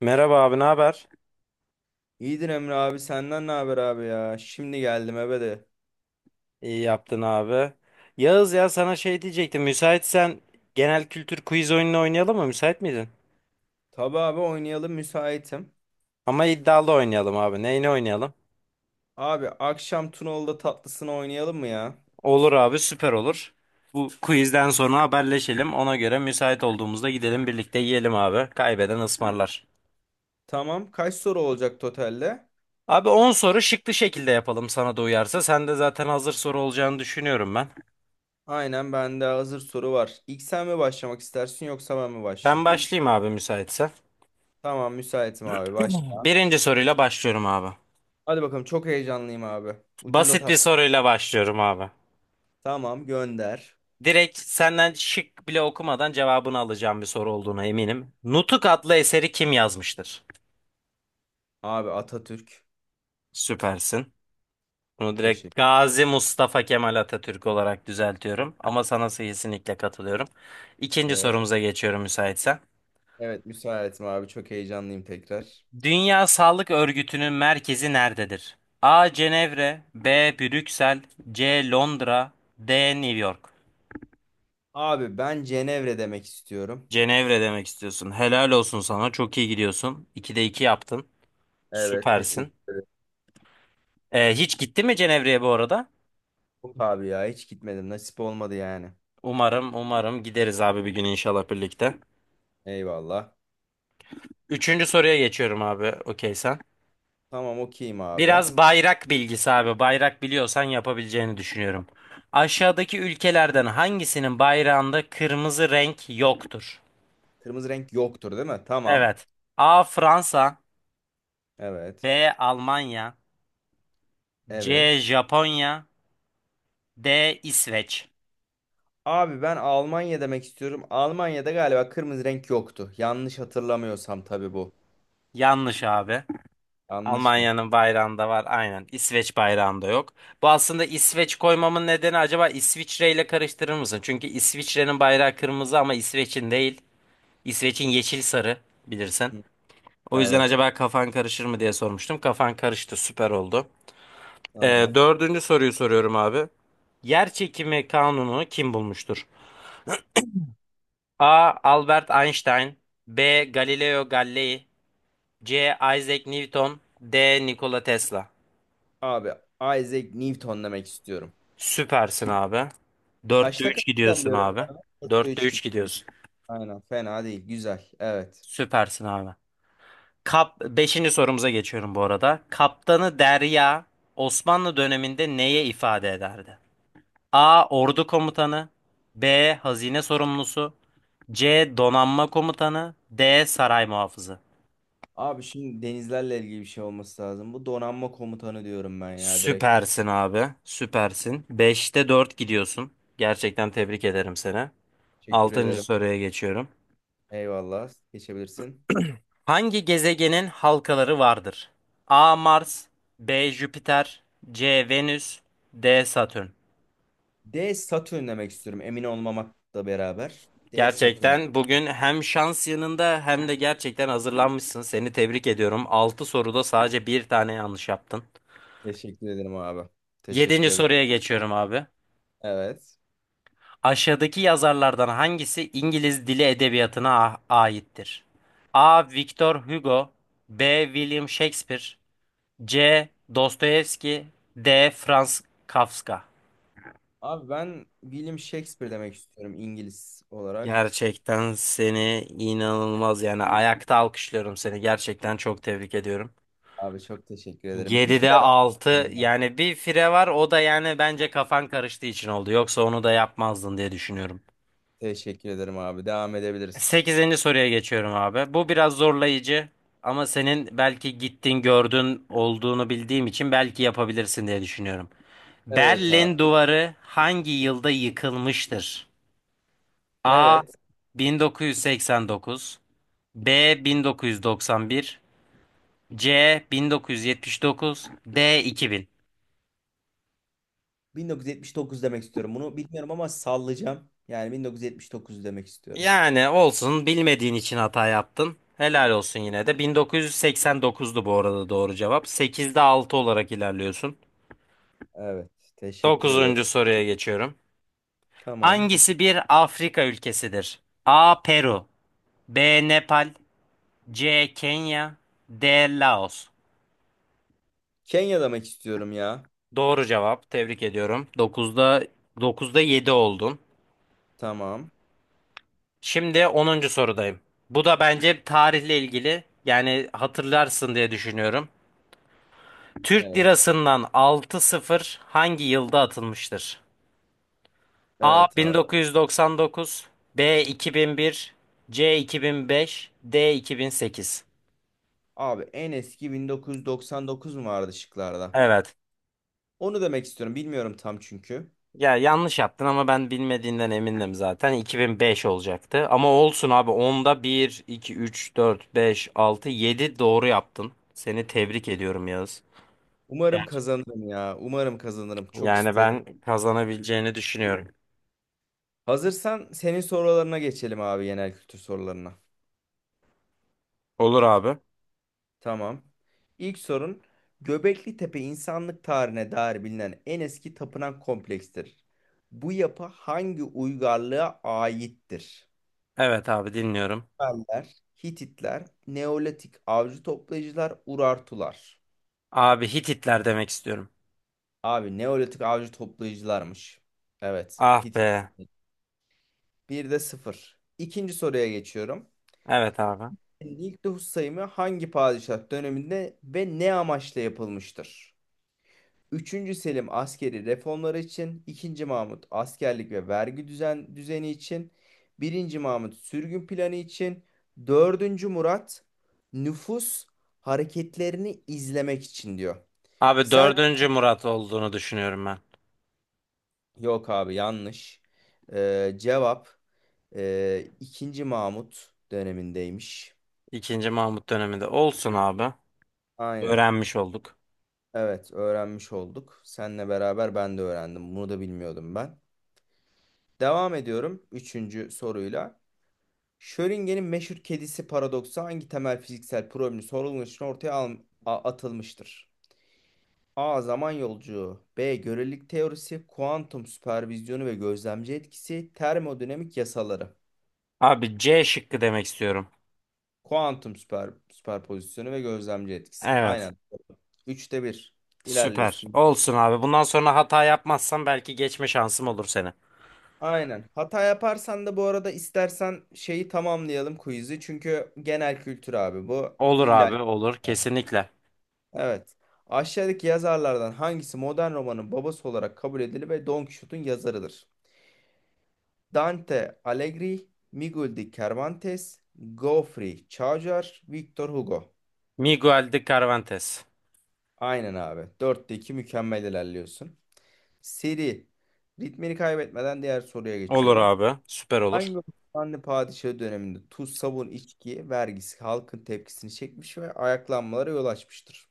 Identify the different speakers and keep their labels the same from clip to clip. Speaker 1: Merhaba abi, ne haber?
Speaker 2: İyidir Emre abi, senden ne haber abi ya? Şimdi geldim eve de.
Speaker 1: İyi yaptın abi. Yağız ya sana şey diyecektim. Müsaitsen genel kültür quiz oyununu oynayalım mı? Müsait miydin?
Speaker 2: Tabi abi, oynayalım, müsaitim.
Speaker 1: Ama iddialı oynayalım abi. Neyini oynayalım?
Speaker 2: Abi akşam Tunalı'da tatlısını oynayalım mı ya?
Speaker 1: Olur abi, süper olur. Bu quizden sonra haberleşelim. Ona göre müsait olduğumuzda gidelim birlikte yiyelim abi. Kaybeden ısmarlar.
Speaker 2: Tamam, kaç soru olacak totalde?
Speaker 1: Abi 10 soru şıklı şekilde yapalım sana da uyarsa. Sen de zaten hazır soru olacağını düşünüyorum ben.
Speaker 2: Aynen, bende hazır soru var. İlk sen mi başlamak istersin yoksa ben mi
Speaker 1: Ben
Speaker 2: başlayayım?
Speaker 1: başlayayım abi müsaitse.
Speaker 2: Tamam, müsaitim abi, başla.
Speaker 1: Birinci soruyla başlıyorum abi.
Speaker 2: Hadi bakalım, çok heyecanlıyım abi. Ucunda
Speaker 1: Basit bir
Speaker 2: tatlı.
Speaker 1: soruyla başlıyorum abi.
Speaker 2: Tamam, gönder.
Speaker 1: Direkt senden şık bile okumadan cevabını alacağım bir soru olduğuna eminim. Nutuk adlı eseri kim yazmıştır?
Speaker 2: Abi Atatürk.
Speaker 1: Süpersin. Bunu direkt
Speaker 2: Teşekkür.
Speaker 1: Gazi Mustafa Kemal Atatürk olarak düzeltiyorum. Ama sana kesinlikle katılıyorum. İkinci
Speaker 2: Evet.
Speaker 1: sorumuza geçiyorum müsaitsen.
Speaker 2: Evet, müsaitim abi, çok heyecanlıyım tekrar.
Speaker 1: Dünya Sağlık Örgütü'nün merkezi nerededir? A. Cenevre, B. Brüksel, C. Londra, D. New York.
Speaker 2: Abi ben Cenevre demek istiyorum.
Speaker 1: Cenevre demek istiyorsun. Helal olsun sana. Çok iyi gidiyorsun. 2'de 2 yaptın.
Speaker 2: Evet, teşekkür
Speaker 1: Süpersin.
Speaker 2: ederim.
Speaker 1: Hiç gitti mi Cenevre'ye bu arada?
Speaker 2: Yok abi ya, hiç gitmedim. Nasip olmadı yani.
Speaker 1: Umarım, umarım gideriz abi bir gün inşallah birlikte.
Speaker 2: Eyvallah.
Speaker 1: Üçüncü soruya geçiyorum abi. Okey sen.
Speaker 2: Tamam, okeyim abi.
Speaker 1: Biraz bayrak bilgisi abi. Bayrak biliyorsan yapabileceğini düşünüyorum. Aşağıdaki ülkelerden hangisinin bayrağında kırmızı renk yoktur?
Speaker 2: Kırmızı renk yoktur değil mi? Tamam.
Speaker 1: Evet. A. Fransa,
Speaker 2: Evet.
Speaker 1: B. Almanya, C.
Speaker 2: Evet.
Speaker 1: Japonya, D. İsveç.
Speaker 2: Abi ben Almanya demek istiyorum. Almanya'da galiba kırmızı renk yoktu. Yanlış hatırlamıyorsam tabii bu.
Speaker 1: Yanlış abi.
Speaker 2: Yanlış mı?
Speaker 1: Almanya'nın bayrağında var aynen. İsveç bayrağında yok. Bu aslında İsveç koymamın nedeni acaba İsviçre ile karıştırır mısın? Çünkü İsviçre'nin bayrağı kırmızı ama İsveç'in değil. İsveç'in yeşil sarı bilirsin.
Speaker 2: Hı.
Speaker 1: O yüzden
Speaker 2: Evet.
Speaker 1: acaba kafan karışır mı diye sormuştum. Kafan karıştı süper oldu. Ee,
Speaker 2: Tamam.
Speaker 1: Dördüncü soruyu soruyorum abi. Yer çekimi kanunu kim bulmuştur? A. Albert Einstein, B. Galileo Galilei, C. Isaac Newton, D. Nikola Tesla.
Speaker 2: Abi Isaac Newton demek istiyorum.
Speaker 1: Süpersin abi. Dörtte
Speaker 2: Kaçta kaç
Speaker 1: 3 gidiyorsun
Speaker 2: ilerliyorum?
Speaker 1: abi.
Speaker 2: Bana? Dörtte
Speaker 1: Dörtte
Speaker 2: 3
Speaker 1: 3
Speaker 2: gidiyorum.
Speaker 1: gidiyorsun.
Speaker 2: Aynen, fena değil. Güzel. Evet.
Speaker 1: Süpersin abi. Beşinci sorumuza geçiyorum bu arada. Kaptanı Derya Osmanlı döneminde neye ifade ederdi? A. Ordu komutanı, B. Hazine sorumlusu, C. Donanma komutanı, D. Saray muhafızı.
Speaker 2: Abi şimdi denizlerle ilgili bir şey olması lazım. Bu donanma komutanı diyorum ben ya, direkt.
Speaker 1: Süpersin abi. Süpersin. Beşte 4 gidiyorsun. Gerçekten tebrik ederim seni.
Speaker 2: Teşekkür
Speaker 1: Altıncı
Speaker 2: ederim.
Speaker 1: soruya geçiyorum.
Speaker 2: Eyvallah. Geçebilirsin.
Speaker 1: Hangi gezegenin halkaları vardır? A. Mars, B. Jüpiter, C. Venüs, D. Satürn.
Speaker 2: D Satürn demek istiyorum. Emin olmamakla beraber. D Satürn.
Speaker 1: Gerçekten bugün hem şans yanında hem de gerçekten hazırlanmışsın. Seni tebrik ediyorum. 6 soruda sadece bir tane yanlış yaptın.
Speaker 2: Teşekkür ederim abi.
Speaker 1: Yedinci
Speaker 2: Teşekkür ederim.
Speaker 1: soruya geçiyorum abi.
Speaker 2: Evet.
Speaker 1: Aşağıdaki yazarlardan hangisi İngiliz dili edebiyatına aittir? A. Victor Hugo, B. William Shakespeare, C. Dostoyevski, D. Franz Kafka.
Speaker 2: Abi ben William Shakespeare demek istiyorum, İngiliz olarak.
Speaker 1: Gerçekten seni inanılmaz yani ayakta alkışlıyorum seni gerçekten çok tebrik ediyorum.
Speaker 2: Abi çok teşekkür ederim. Bir
Speaker 1: 7'de
Speaker 2: fire
Speaker 1: 6
Speaker 2: verdim ya.
Speaker 1: yani bir fire var o da yani bence kafan karıştığı için oldu yoksa onu da yapmazdın diye düşünüyorum.
Speaker 2: Teşekkür ederim abi. Devam edebiliriz.
Speaker 1: Sekizinci soruya geçiyorum abi. Bu biraz zorlayıcı ama senin belki gittin gördün olduğunu bildiğim için belki yapabilirsin diye düşünüyorum.
Speaker 2: Evet abi.
Speaker 1: Berlin Duvarı hangi yılda yıkılmıştır? A
Speaker 2: Evet.
Speaker 1: 1989, B 1991, C 1979, D 2000.
Speaker 2: 1979 demek istiyorum. Bunu bilmiyorum ama sallayacağım. Yani 1979 demek istiyorum.
Speaker 1: Yani olsun bilmediğin için hata yaptın. Helal olsun yine de. 1989'du bu arada doğru cevap. 8'de 6 olarak ilerliyorsun.
Speaker 2: Evet, teşekkür ederim.
Speaker 1: 9. soruya geçiyorum.
Speaker 2: Tamam.
Speaker 1: Hangisi
Speaker 2: Teşekkür-
Speaker 1: bir Afrika ülkesidir? A. Peru, B. Nepal, C. Kenya, D. Laos.
Speaker 2: Kenya demek istiyorum ya.
Speaker 1: Doğru cevap. Tebrik ediyorum. 9'da 7 oldun.
Speaker 2: Tamam.
Speaker 1: Şimdi onuncu sorudayım. Bu da bence tarihle ilgili. Yani hatırlarsın diye düşünüyorum. Türk
Speaker 2: Evet.
Speaker 1: lirasından 6-0 hangi yılda atılmıştır? A
Speaker 2: Evet abi.
Speaker 1: 1999, B 2001, C 2005, D 2008.
Speaker 2: Abi en eski 1999 mu vardı şıklarda?
Speaker 1: Evet.
Speaker 2: Onu demek istiyorum. Bilmiyorum tam çünkü.
Speaker 1: Ya yanlış yaptın ama ben bilmediğinden emindim zaten. 2005 olacaktı. Ama olsun abi. Onda bir, 2, 3, 4, 5, 6, 7 doğru yaptın. Seni tebrik ediyorum Yağız.
Speaker 2: Umarım kazanırım ya. Umarım kazanırım. Çok
Speaker 1: Yani
Speaker 2: istiyorum.
Speaker 1: ben kazanabileceğini düşünüyorum.
Speaker 2: Hazırsan senin sorularına geçelim abi, genel kültür sorularına.
Speaker 1: Olur abi.
Speaker 2: Tamam. İlk sorun: Göbekli Tepe insanlık tarihine dair bilinen en eski tapınak komplekstir. Bu yapı hangi uygarlığa aittir?
Speaker 1: Evet abi dinliyorum.
Speaker 2: Sümerler, Hititler, Neolitik avcı toplayıcılar, Urartular.
Speaker 1: Abi Hititler demek istiyorum.
Speaker 2: Abi Neolitik avcı toplayıcılarmış. Evet.
Speaker 1: Ah be.
Speaker 2: Hitit. Bir de sıfır. İkinci soruya geçiyorum.
Speaker 1: Evet abi.
Speaker 2: İlk nüfus sayımı hangi padişah döneminde ve ne amaçla yapılmıştır? Üçüncü Selim askeri reformları için, ikinci Mahmut askerlik ve vergi düzeni için, birinci Mahmut sürgün planı için, dördüncü Murat nüfus hareketlerini izlemek için diyor.
Speaker 1: Abi
Speaker 2: Sen,
Speaker 1: dördüncü Murat olduğunu düşünüyorum ben.
Speaker 2: yok abi, yanlış. Cevap ikinci Mahmut dönemindeymiş.
Speaker 1: İkinci Mahmut döneminde. Olsun abi.
Speaker 2: Aynen.
Speaker 1: Öğrenmiş olduk.
Speaker 2: Evet, öğrenmiş olduk. Seninle beraber ben de öğrendim. Bunu da bilmiyordum ben. Devam ediyorum üçüncü soruyla. Schrödinger'in meşhur kedisi paradoksu hangi temel fiziksel problemin sorulması için ortaya atılmıştır? A. Zaman yolculuğu, B. Görelilik teorisi, Kuantum süpervizyonu ve gözlemci etkisi, Termodinamik yasaları.
Speaker 1: Abi C şıkkı demek istiyorum.
Speaker 2: Kuantum süperpozisyonu ve gözlemci etkisi.
Speaker 1: Evet.
Speaker 2: Aynen. Üçte bir.
Speaker 1: Süper.
Speaker 2: İlerliyorsun.
Speaker 1: Olsun abi. Bundan sonra hata yapmazsam belki geçme şansım olur seni.
Speaker 2: Aynen. Hata yaparsan da bu arada istersen şeyi tamamlayalım quiz'i. Çünkü genel kültür abi bu.
Speaker 1: Olur
Speaker 2: İlla.
Speaker 1: abi olur. Kesinlikle.
Speaker 2: Evet. Aşağıdaki yazarlardan hangisi modern romanın babası olarak kabul edilir ve Don Quixote'un yazarıdır? Dante Alighieri, Miguel de Cervantes, Geoffrey Chaucer, Victor Hugo.
Speaker 1: Miguel de Cervantes.
Speaker 2: Aynen abi. Dörtte iki, mükemmel ilerliyorsun. Seri. Ritmini kaybetmeden diğer soruya
Speaker 1: Olur
Speaker 2: geçiyorum.
Speaker 1: abi. Süper olur.
Speaker 2: Hangi Osmanlı padişahı döneminde tuz, sabun, içki vergisi halkın tepkisini çekmiş ve ayaklanmalara yol açmıştır?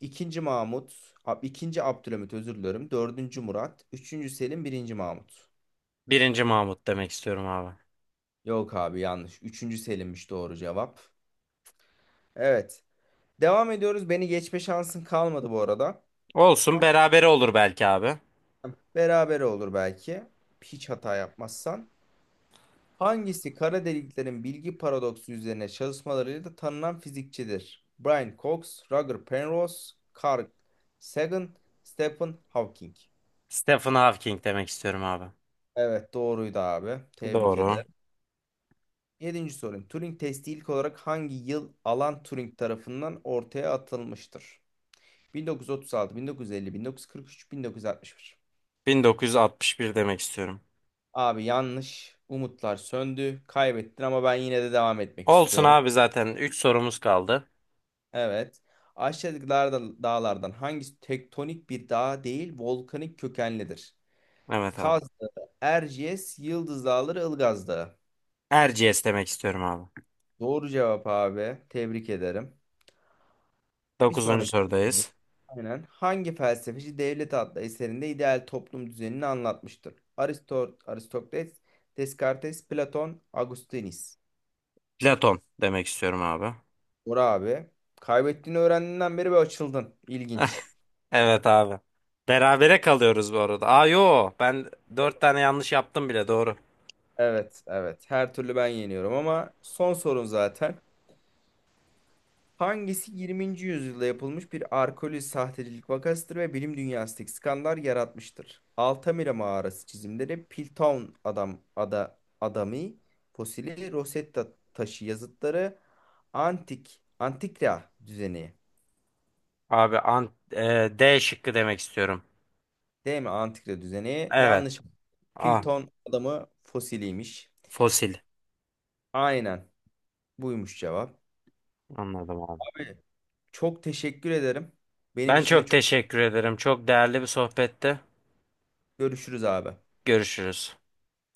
Speaker 2: İkinci Mahmut, ikinci Abdülhamit, özür dilerim. Dördüncü Murat, üçüncü Selim, birinci Mahmut.
Speaker 1: Birinci Mahmut demek istiyorum abi.
Speaker 2: Yok abi, yanlış. Üçüncü Selim'miş doğru cevap. Evet. Devam ediyoruz. Beni geçme şansın kalmadı bu arada.
Speaker 1: Olsun
Speaker 2: Ama
Speaker 1: berabere olur belki abi.
Speaker 2: beraber olur belki. Hiç hata yapmazsan. Hangisi kara deliklerin bilgi paradoksu üzerine çalışmalarıyla da tanınan fizikçidir? Brian Cox, Roger Penrose, Carl Sagan, Stephen Hawking.
Speaker 1: Stephen Hawking demek istiyorum abi.
Speaker 2: Evet, doğruydu abi. Tebrik
Speaker 1: Doğru.
Speaker 2: ederim. Yedinci sorum: Turing testi ilk olarak hangi yıl Alan Turing tarafından ortaya atılmıştır? 1936, 1950, 1943, 1961.
Speaker 1: 1961 demek istiyorum.
Speaker 2: Abi yanlış. Umutlar söndü. Kaybettin ama ben yine de devam etmek
Speaker 1: Olsun
Speaker 2: istiyorum.
Speaker 1: abi zaten 3 sorumuz kaldı.
Speaker 2: Evet. Aşağıdaki dağlardan hangisi tektonik bir dağ değil, volkanik kökenlidir?
Speaker 1: Evet abi.
Speaker 2: Kaz Dağı, Erciyes, Yıldız Dağları, Ilgaz Dağı.
Speaker 1: Erciyes demek istiyorum abi.
Speaker 2: Doğru cevap abi. Tebrik ederim. Bir
Speaker 1: Dokuzuncu
Speaker 2: sonraki soru.
Speaker 1: sorudayız.
Speaker 2: Aynen, hangi felsefeci Devlet adlı eserinde ideal toplum düzenini anlatmıştır? Aristot Aristokles, Descartes, Platon, Augustinus.
Speaker 1: Platon demek istiyorum abi.
Speaker 2: Bora abi. Kaybettiğini öğrendiğinden beri bir açıldın. İlginç.
Speaker 1: Evet abi. Berabere kalıyoruz bu arada. Aa yo ben 4 tane yanlış yaptım bile doğru.
Speaker 2: Evet, evet. Her türlü ben yeniyorum ama son sorun zaten. Hangisi 20. yüzyılda yapılmış bir arkeolojik sahtecilik vakasıdır ve bilim dünyasındaki skandal yaratmıştır? Altamira mağarası çizimleri, Piltdown adam adamı fosili, Rosetta taşı yazıtları, antikra düzeni.
Speaker 1: Abi D şıkkı demek istiyorum.
Speaker 2: Değil mi? Antikra düzeni.
Speaker 1: Evet.
Speaker 2: Yanlış.
Speaker 1: A
Speaker 2: Pilton adamı fosiliymiş.
Speaker 1: fosil.
Speaker 2: Aynen. Buymuş cevap.
Speaker 1: Anladım abi.
Speaker 2: Abi çok teşekkür ederim. Benim
Speaker 1: Ben
Speaker 2: için de
Speaker 1: çok
Speaker 2: çok
Speaker 1: teşekkür ederim. Çok değerli bir sohbette.
Speaker 2: görüşürüz abi.
Speaker 1: Görüşürüz.